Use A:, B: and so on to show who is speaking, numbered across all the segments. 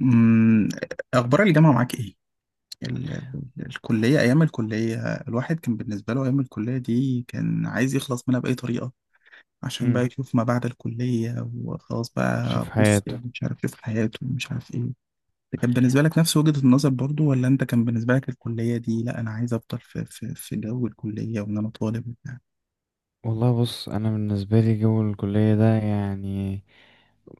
A: أمم، أخبار الجامعة معاك إيه؟ الكلية، أيام الكلية. الواحد كان بالنسبة له أيام الكلية دي كان عايز يخلص منها بأي طريقة، عشان بقى
B: امم
A: يشوف ما بعد الكلية. وخلاص
B: شوف
A: بقى بص،
B: حياته.
A: يعني مش عارف يشوف حياته ومش عارف إيه. ده كان بالنسبة لك نفس وجهة النظر برضو؟ ولا أنت كان بالنسبة لك الكلية دي لأ، أنا عايز أفضل في جو الكلية، وإن أنا طالب وبتاع؟
B: والله، بص، انا بالنسبه لي جو الكليه ده يعني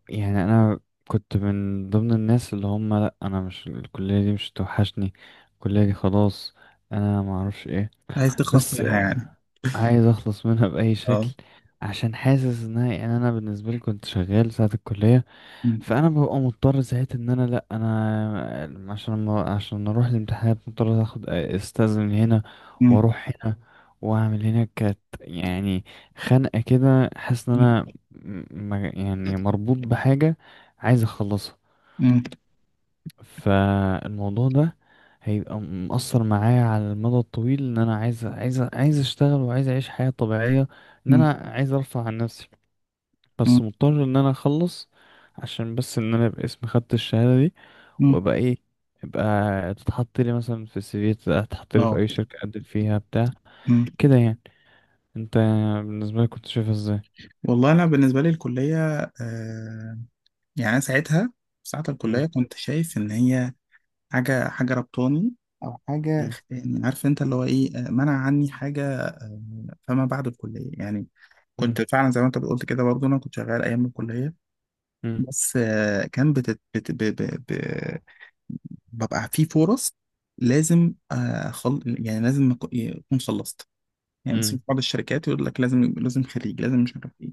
B: يعني انا كنت من ضمن الناس اللي هم، لا انا مش الكليه دي مش توحشني، الكليه دي خلاص، انا ما اعرفش ايه.
A: عايز تخلص
B: بس
A: منها
B: آه،
A: يعني؟
B: عايز اخلص منها باي شكل
A: أه.
B: عشان حاسس انها، يعني انا بالنسبه لي كنت شغال ساعه الكليه.
A: أمم.
B: فانا ببقى مضطر ساعتها ان انا، لا انا عشان، ما عشان اروح الامتحانات، مضطر اخد استاذن هنا
A: أمم.
B: واروح هنا واعمل هنا. كانت يعني خنقه كده، حاسس ان انا يعني مربوط بحاجه عايز اخلصها.
A: أمم.
B: فالموضوع ده هيبقى مأثر معايا على المدى الطويل، ان انا عايز اشتغل وعايز اعيش حياه طبيعيه، ان انا
A: أمم.
B: عايز ارفع عن نفسي،
A: أمم.
B: بس مضطر ان انا اخلص عشان بس ان انا ابقى اسمي خدت الشهاده دي،
A: أمم.
B: وابقى ايه، ابقى تتحط لي مثلا في السي في، تتحط لي في
A: أه.
B: اي شركة اقدم فيها بتاع كده يعني. انت بالنسبة لك كنت شايفها ازاي؟
A: والله انا بالنسبه لي الكليه، آه، يعني انا ساعتها، ساعه
B: مم،
A: الكليه كنت شايف ان هي حاجه ربطاني، او حاجه،
B: مم،
A: عارف انت اللي هو ايه، منع عني حاجه. فما بعد الكليه يعني،
B: مم،
A: كنت فعلا زي ما انت قلت كده برضه، انا كنت شغال ايام الكليه.
B: مم،
A: بس كان بتت بت ب ب ب ببقى في فرص، لازم، آه خل... يعني لازم اكون خلصت. يعني
B: مم،
A: مثلا في بعض الشركات يقول لك لازم خريج، لازم مش عارف إيه.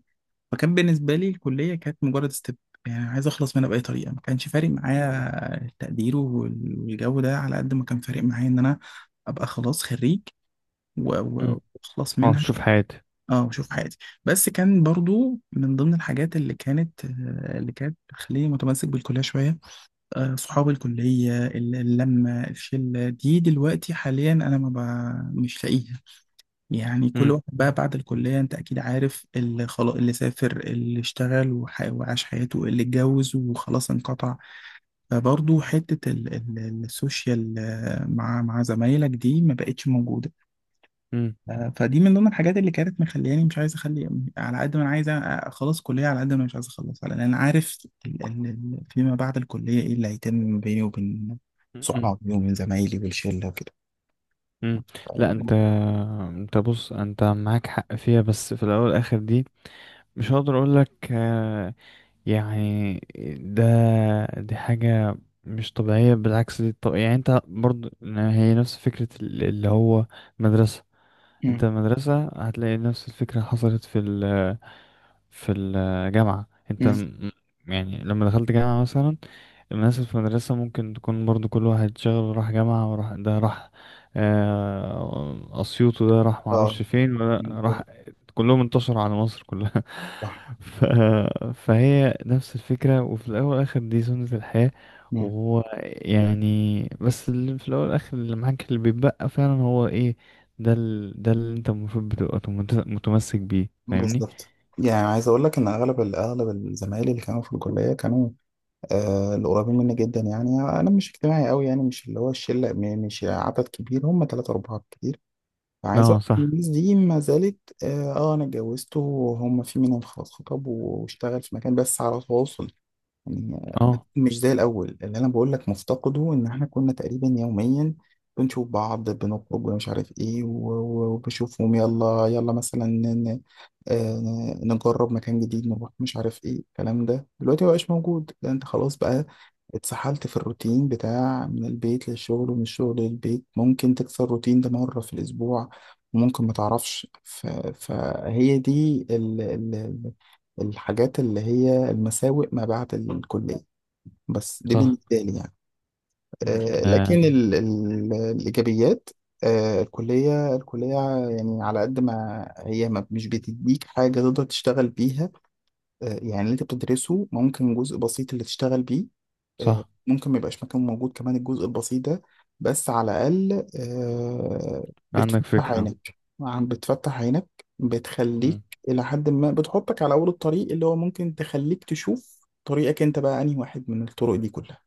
A: فكان بالنسبة لي الكلية كانت مجرد ستيب، يعني عايز أخلص منها بأي طريقة. ما كانش فارق معايا التقدير والجو ده، على قد ما كان فارق معايا إن أنا أبقى خلاص خريج
B: مم.
A: وأخلص
B: اه،
A: منها.
B: شوف حياتي.
A: أه، وأشوف حياتي. بس كان برضو من ضمن الحاجات اللي كانت اللي كانت بتخليني متمسك بالكلية شوية. آه، صحاب الكلية، اللمة، الشلة دي دلوقتي حاليا أنا ما ب- مش لاقيها. يعني كل
B: مم،
A: واحد بقى بعد الكلية، انت اكيد عارف، اللي خلاص اللي سافر اللي اشتغل وعاش حياته، اللي اتجوز وخلاص انقطع. فبرضه حتة السوشيال، آه، مع زمايلك دي ما بقتش موجودة.
B: مم،
A: آه، فدي من ضمن الحاجات اللي كانت مخلياني مش عايز اخلي. على قد ما انا عايز اخلص كلية، على قد ما انا مش عايز اخلص، لان انا عارف فيما بعد الكلية ايه اللي هيتم بيني وبين
B: مم،
A: صحابي وبين زمايلي والشلة وكده.
B: مم. لا انت
A: ف-
B: انت بص، انت معاك حق فيها، بس في الاول والاخر دي مش هقدر اقول لك. يعني ده، دي حاجة مش طبيعية، بالعكس دي. طب يعني انت برضو هي نفس فكرة اللي هو مدرسة.
A: مم.
B: انت المدرسة هتلاقي نفس الفكرة حصلت في الجامعة. انت
A: مم.
B: يعني لما دخلت جامعة مثلا، الناس في المدرسة ممكن تكون برضو كل واحد شغل، راح جامعة، وراح ده، راح أسيوط، وده راح
A: اه،
B: معرفش فين، وده راح،
A: مظبوط.
B: كلهم انتشروا على مصر كلها.
A: صح.
B: ف... فهي نفس الفكرة، وفي الأول والآخر دي سنة الحياة. وهو يعني، بس اللي في الأول والآخر اللي معاك، اللي بيتبقى فعلا هو إيه، ده اللي أنت المفروض بتبقى متمسك بيه، فاهمني؟
A: بالظبط. يعني عايز اقول لك ان اغلب اغلب الزمايل اللي كانوا في الكليه كانوا، آه، القريبين مني جدا. يعني انا مش اجتماعي قوي، يعني مش اللي هو الشله، مش عدد كبير، هم ثلاثه اربعه كتير. فعايز
B: اه
A: اقول لك إن
B: صح،
A: الناس دي ما زالت. اه، آه، انا اتجوزت، وهم في منهم خلاص خطب واشتغل في مكان، بس على تواصل. يعني
B: اه
A: مش زي الأول اللي أنا بقول لك، مفتقده إن إحنا كنا تقريبا يوميا بنشوف بعض بنخرج ومش عارف إيه وبشوفهم. يلا يلا مثلا آه، نجرب مكان جديد، نروح مش عارف إيه. الكلام ده دلوقتي مبقاش موجود. ده أنت خلاص بقى اتسحلت في الروتين بتاع من البيت للشغل ومن الشغل للبيت، ممكن تكسر الروتين ده مرة في الأسبوع، وممكن ما تعرفش. فهي دي الحاجات اللي هي المساوئ ما بعد الكلية، بس دي
B: صح.
A: بالنسبة لي يعني.
B: م-
A: آه، لكن
B: آه
A: ال ال الإيجابيات. آه، الكلية الكلية، يعني على قد ما هي ما مش بتديك حاجة تقدر تشتغل بيها. آه، يعني اللي انت بتدرسه ممكن جزء بسيط اللي تشتغل بيه. آه،
B: صح.
A: ممكن ما يبقاش مكان موجود كمان الجزء البسيط ده. بس على الأقل، آه،
B: عندك
A: بتفتح
B: فكرة.
A: عينك، بتفتح عينك، بتخليك
B: م-
A: إلى حد ما، بتحطك على أول الطريق، اللي هو ممكن تخليك تشوف طريقك أنت بقى أنهي واحد من الطرق دي كلها.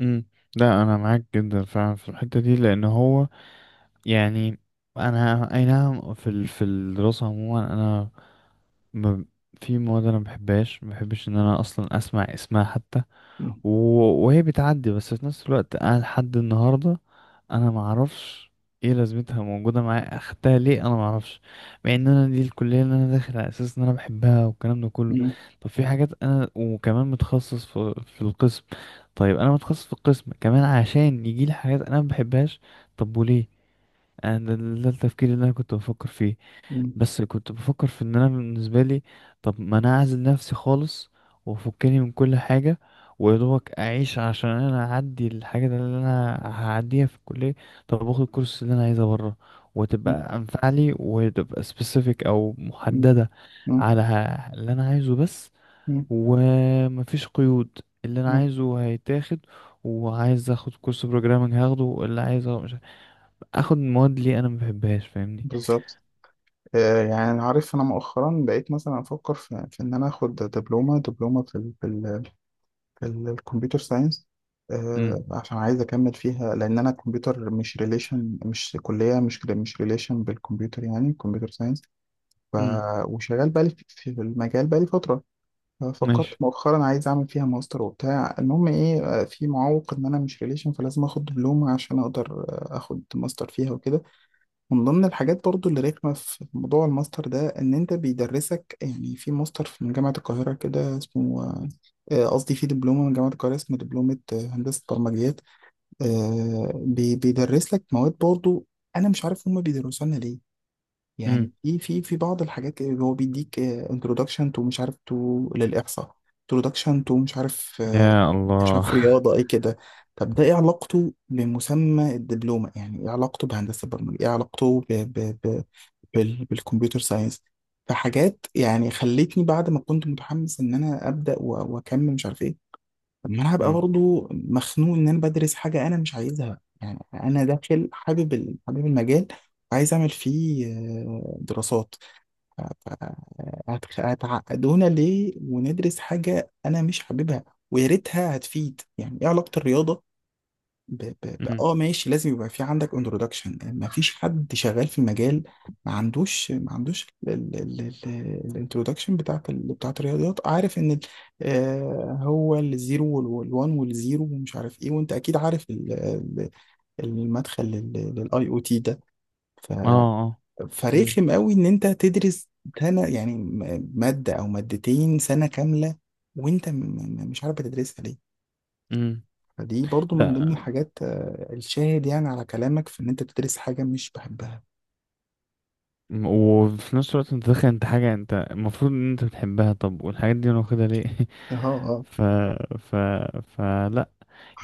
B: م. لا انا معاك جدا فعلا في الحتة دي، لان هو يعني، انا اي نعم، في الدراسة عموما انا، ما في مواد انا ما بحبهاش، ما بحبش ان انا اصلا اسمع اسمها حتى.
A: م.
B: وهي بتعدي، بس في نفس الوقت انا لحد النهارده، انا ما اعرفش ايه لازمتها موجوده معايا، اخدتها ليه، انا ما اعرفش، مع ان انا دي الكليه اللي انا داخل على اساس ان انا بحبها والكلام ده كله.
A: م.
B: طب في حاجات انا، وكمان متخصص في القسم. طيب انا متخصص في القسم كمان، عشان يجي لي حاجات انا ما بحبهاش. طب وليه انا؟ ده التفكير اللي انا كنت بفكر فيه.
A: م.
B: بس كنت بفكر في ان انا بالنسبه لي، طب ما انا اعزل نفسي خالص، وافكني من كل حاجه، ويدوبك اعيش عشان انا اعدي الحاجه اللي انا هعديها في الكليه. طب باخد الكورس اللي انا عايزه بره،
A: م.
B: وتبقى انفع لي، وتبقى سبيسيفيك او
A: م.
B: محدده
A: م.
B: على اللي انا عايزه بس.
A: م.
B: ومفيش قيود، اللي انا
A: م.
B: عايزه هيتاخد. وعايز اخد كورس بروجرامنج، هاخده اللي عايزه. مش عارف. اخد مواد ليه انا ما بحبهاش؟ فاهمني؟
A: بالظبط. آه، يعني عارف، أنا مؤخرا بقيت مثلا أفكر في, في إن أنا آخد دبلومة في، الكمبيوتر ساينس.
B: امم.
A: آه، عشان عايز اكمل فيها، لان انا الكمبيوتر مش ريليشن، مش كليه مش ريليشن بالكمبيوتر، يعني كمبيوتر ساينس. ف
B: امم.
A: وشغال بقالي في المجال بقالي فتره. ففكرت
B: ماشي.
A: مؤخرا عايز اعمل فيها ماستر وبتاع، المهم ايه، آه، في معوق ان انا مش ريليشن، فلازم اخد دبلومه عشان اقدر، آه، اخد ماستر فيها وكده. من ضمن الحاجات برضو اللي رخمة في موضوع الماستر ده إن أنت بيدرسك، يعني في ماستر في من جامعة القاهرة كده اسمه، آه، قصدي في دبلومة من جامعة القاهرة اسمه دبلومة، آه، هندسة برمجيات. آه، بيدرس لك مواد برضو. أنا مش عارف هما بيدرسوا لنا ليه. يعني
B: امم.
A: في بعض الحاجات اللي هو بيديك انترودكشن تو مش عارف، تو للإحصاء. introduction to مش عارف.
B: يا الله.
A: شاف رياضة ايه كده. طب ده ايه علاقته بمسمى الدبلومة؟ يعني ايه علاقته بهندسة البرمجة؟ ايه علاقته بالكمبيوتر ساينس؟ فحاجات يعني خلتني بعد ما كنت متحمس ان انا ابدا واكمل مش عارف ايه. طب ما انا هبقى
B: امم.
A: برضه مخنوق ان انا بدرس حاجة انا مش عايزها، يعني انا داخل حابب حابب المجال، وعايز اعمل فيه، آه، دراسات. هتعقدونا ليه وندرس حاجة أنا مش حاببها؟ ويا ريتها هتفيد. يعني إيه علاقة الرياضة
B: امم.
A: آه ماشي، لازم يبقى في عندك انترودكشن، مفيش حد شغال في المجال ما عندوش الانترودكشن بتاعت بتاعت الرياضيات. عارف إن آه، هو الزيرو والوان والزيرو ومش عارف إيه. وأنت أكيد عارف ال- المدخل للآي أو تي ده. ف
B: اه. اه. امم.
A: فرخم قوي ان انت تدرس سنه، يعني ماده او مادتين سنه كامله، وانت مش عارف بتدرسها ليه.
B: امم.
A: فدي برضو من ضمن
B: لا.
A: الحاجات، آه، الشاهد يعني على كلامك في ان انت بتدرس حاجه مش بحبها.
B: وفي نفس الوقت انت داخل انت حاجه انت المفروض ان انت بتحبها. طب والحاجات دي انا واخدها ليه؟
A: اه، اه.
B: ف ف فلا،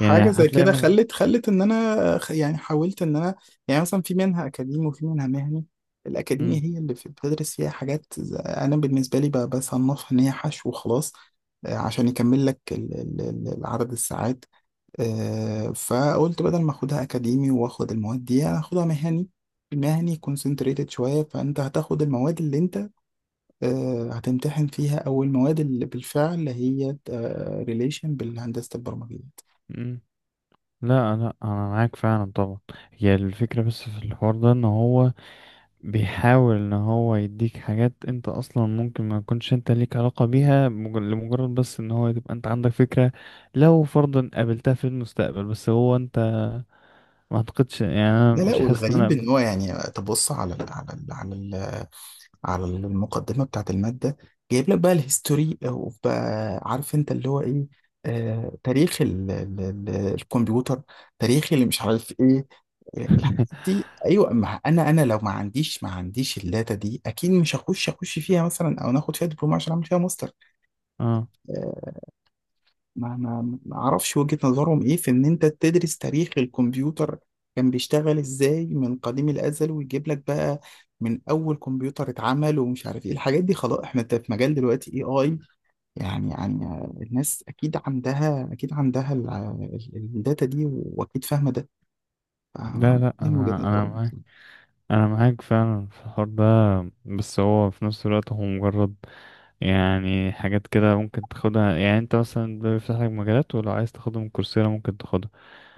B: يعني
A: زي
B: هتلاقي
A: كده
B: مثلا.
A: خلت ان انا حاولت ان انا، يعني مثلا في منها اكاديمي وفي منها مهني. الاكاديمي
B: امم.
A: هي اللي بتدرس فيها حاجات، انا بالنسبه لي بصنفها ان هي حشو وخلاص، آه، عشان يكمل لك العدد الساعات. آه، فقلت بدل ما اخدها اكاديمي واخد المواد دي، هاخدها مهني. المهني كونسنتريتد شوية، فانت هتاخد المواد اللي انت، آه، هتمتحن فيها، او المواد اللي بالفعل هي ريليشن بالهندسة البرمجية.
B: امم. لا، لا، انا معاك فعلا طبعا. هي الفكره، بس في الحوار ده ان هو بيحاول ان هو يديك حاجات انت اصلا ممكن ما يكونش انت ليك علاقة بيها، لمجرد بس ان هو تبقى انت عندك فكرة لو فرضا قابلتها في المستقبل. بس هو انت ما اعتقدش، يعني انا
A: لا لا،
B: مش حاسس ان انا
A: والغريب ان هو، يعني تبص على ال، على المقدمة بتاعت المادة، جايب لك بقى الهيستوري، او بقى عارف انت اللي هو ايه، آه، تاريخ ال ال ال الكمبيوتر، تاريخ اللي مش عارف ايه الحاجات دي. ايوه، ما انا لو ما عنديش الداتا دي اكيد مش اخش فيها مثلا، او ناخد فيها دبلومه عشان اعمل فيها ماستر،
B: اه.
A: آه، ما اعرفش وجهه نظرهم ايه في ان انت تدرس تاريخ الكمبيوتر كان بيشتغل ازاي من قديم الازل، ويجيب لك بقى من اول كمبيوتر اتعمل ومش عارف ايه الحاجات دي. خلاص، احنا في مجال دلوقتي AI، يعني آه، الناس اكيد عندها الداتا دي واكيد فاهمه ده،
B: لا،
A: آه،
B: لا،
A: دي من وجهه
B: انا
A: نظرهم.
B: معاك، انا معاك فعلا في الحوار ده. بس هو في نفس الوقت هو مجرد، يعني حاجات كده ممكن تاخدها. يعني انت مثلا، ده بيفتح لك مجالات، ولو عايز تاخدها من كورسيرا ممكن تاخدها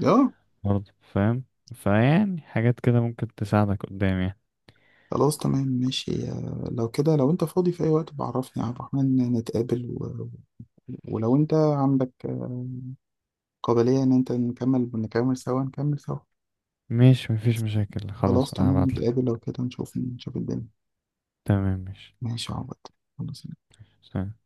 A: اه.
B: برضه، فاهم؟ فيعني حاجات كده ممكن تساعدك قدام يعني.
A: خلاص، تمام ماشي، آه، لو كده لو انت فاضي في اي وقت بعرفني يا عبد الرحمن، نتقابل ولو انت عندك قابلية ان انت نكمل سوا.
B: ماشي، مفيش مشاكل،
A: خلاص
B: خلاص
A: تمام،
B: هبعتلك.
A: نتقابل لو كده، نشوف الدنيا.
B: تمام ماشي.
A: ماشي يا عبد. خلاص.
B: سلام.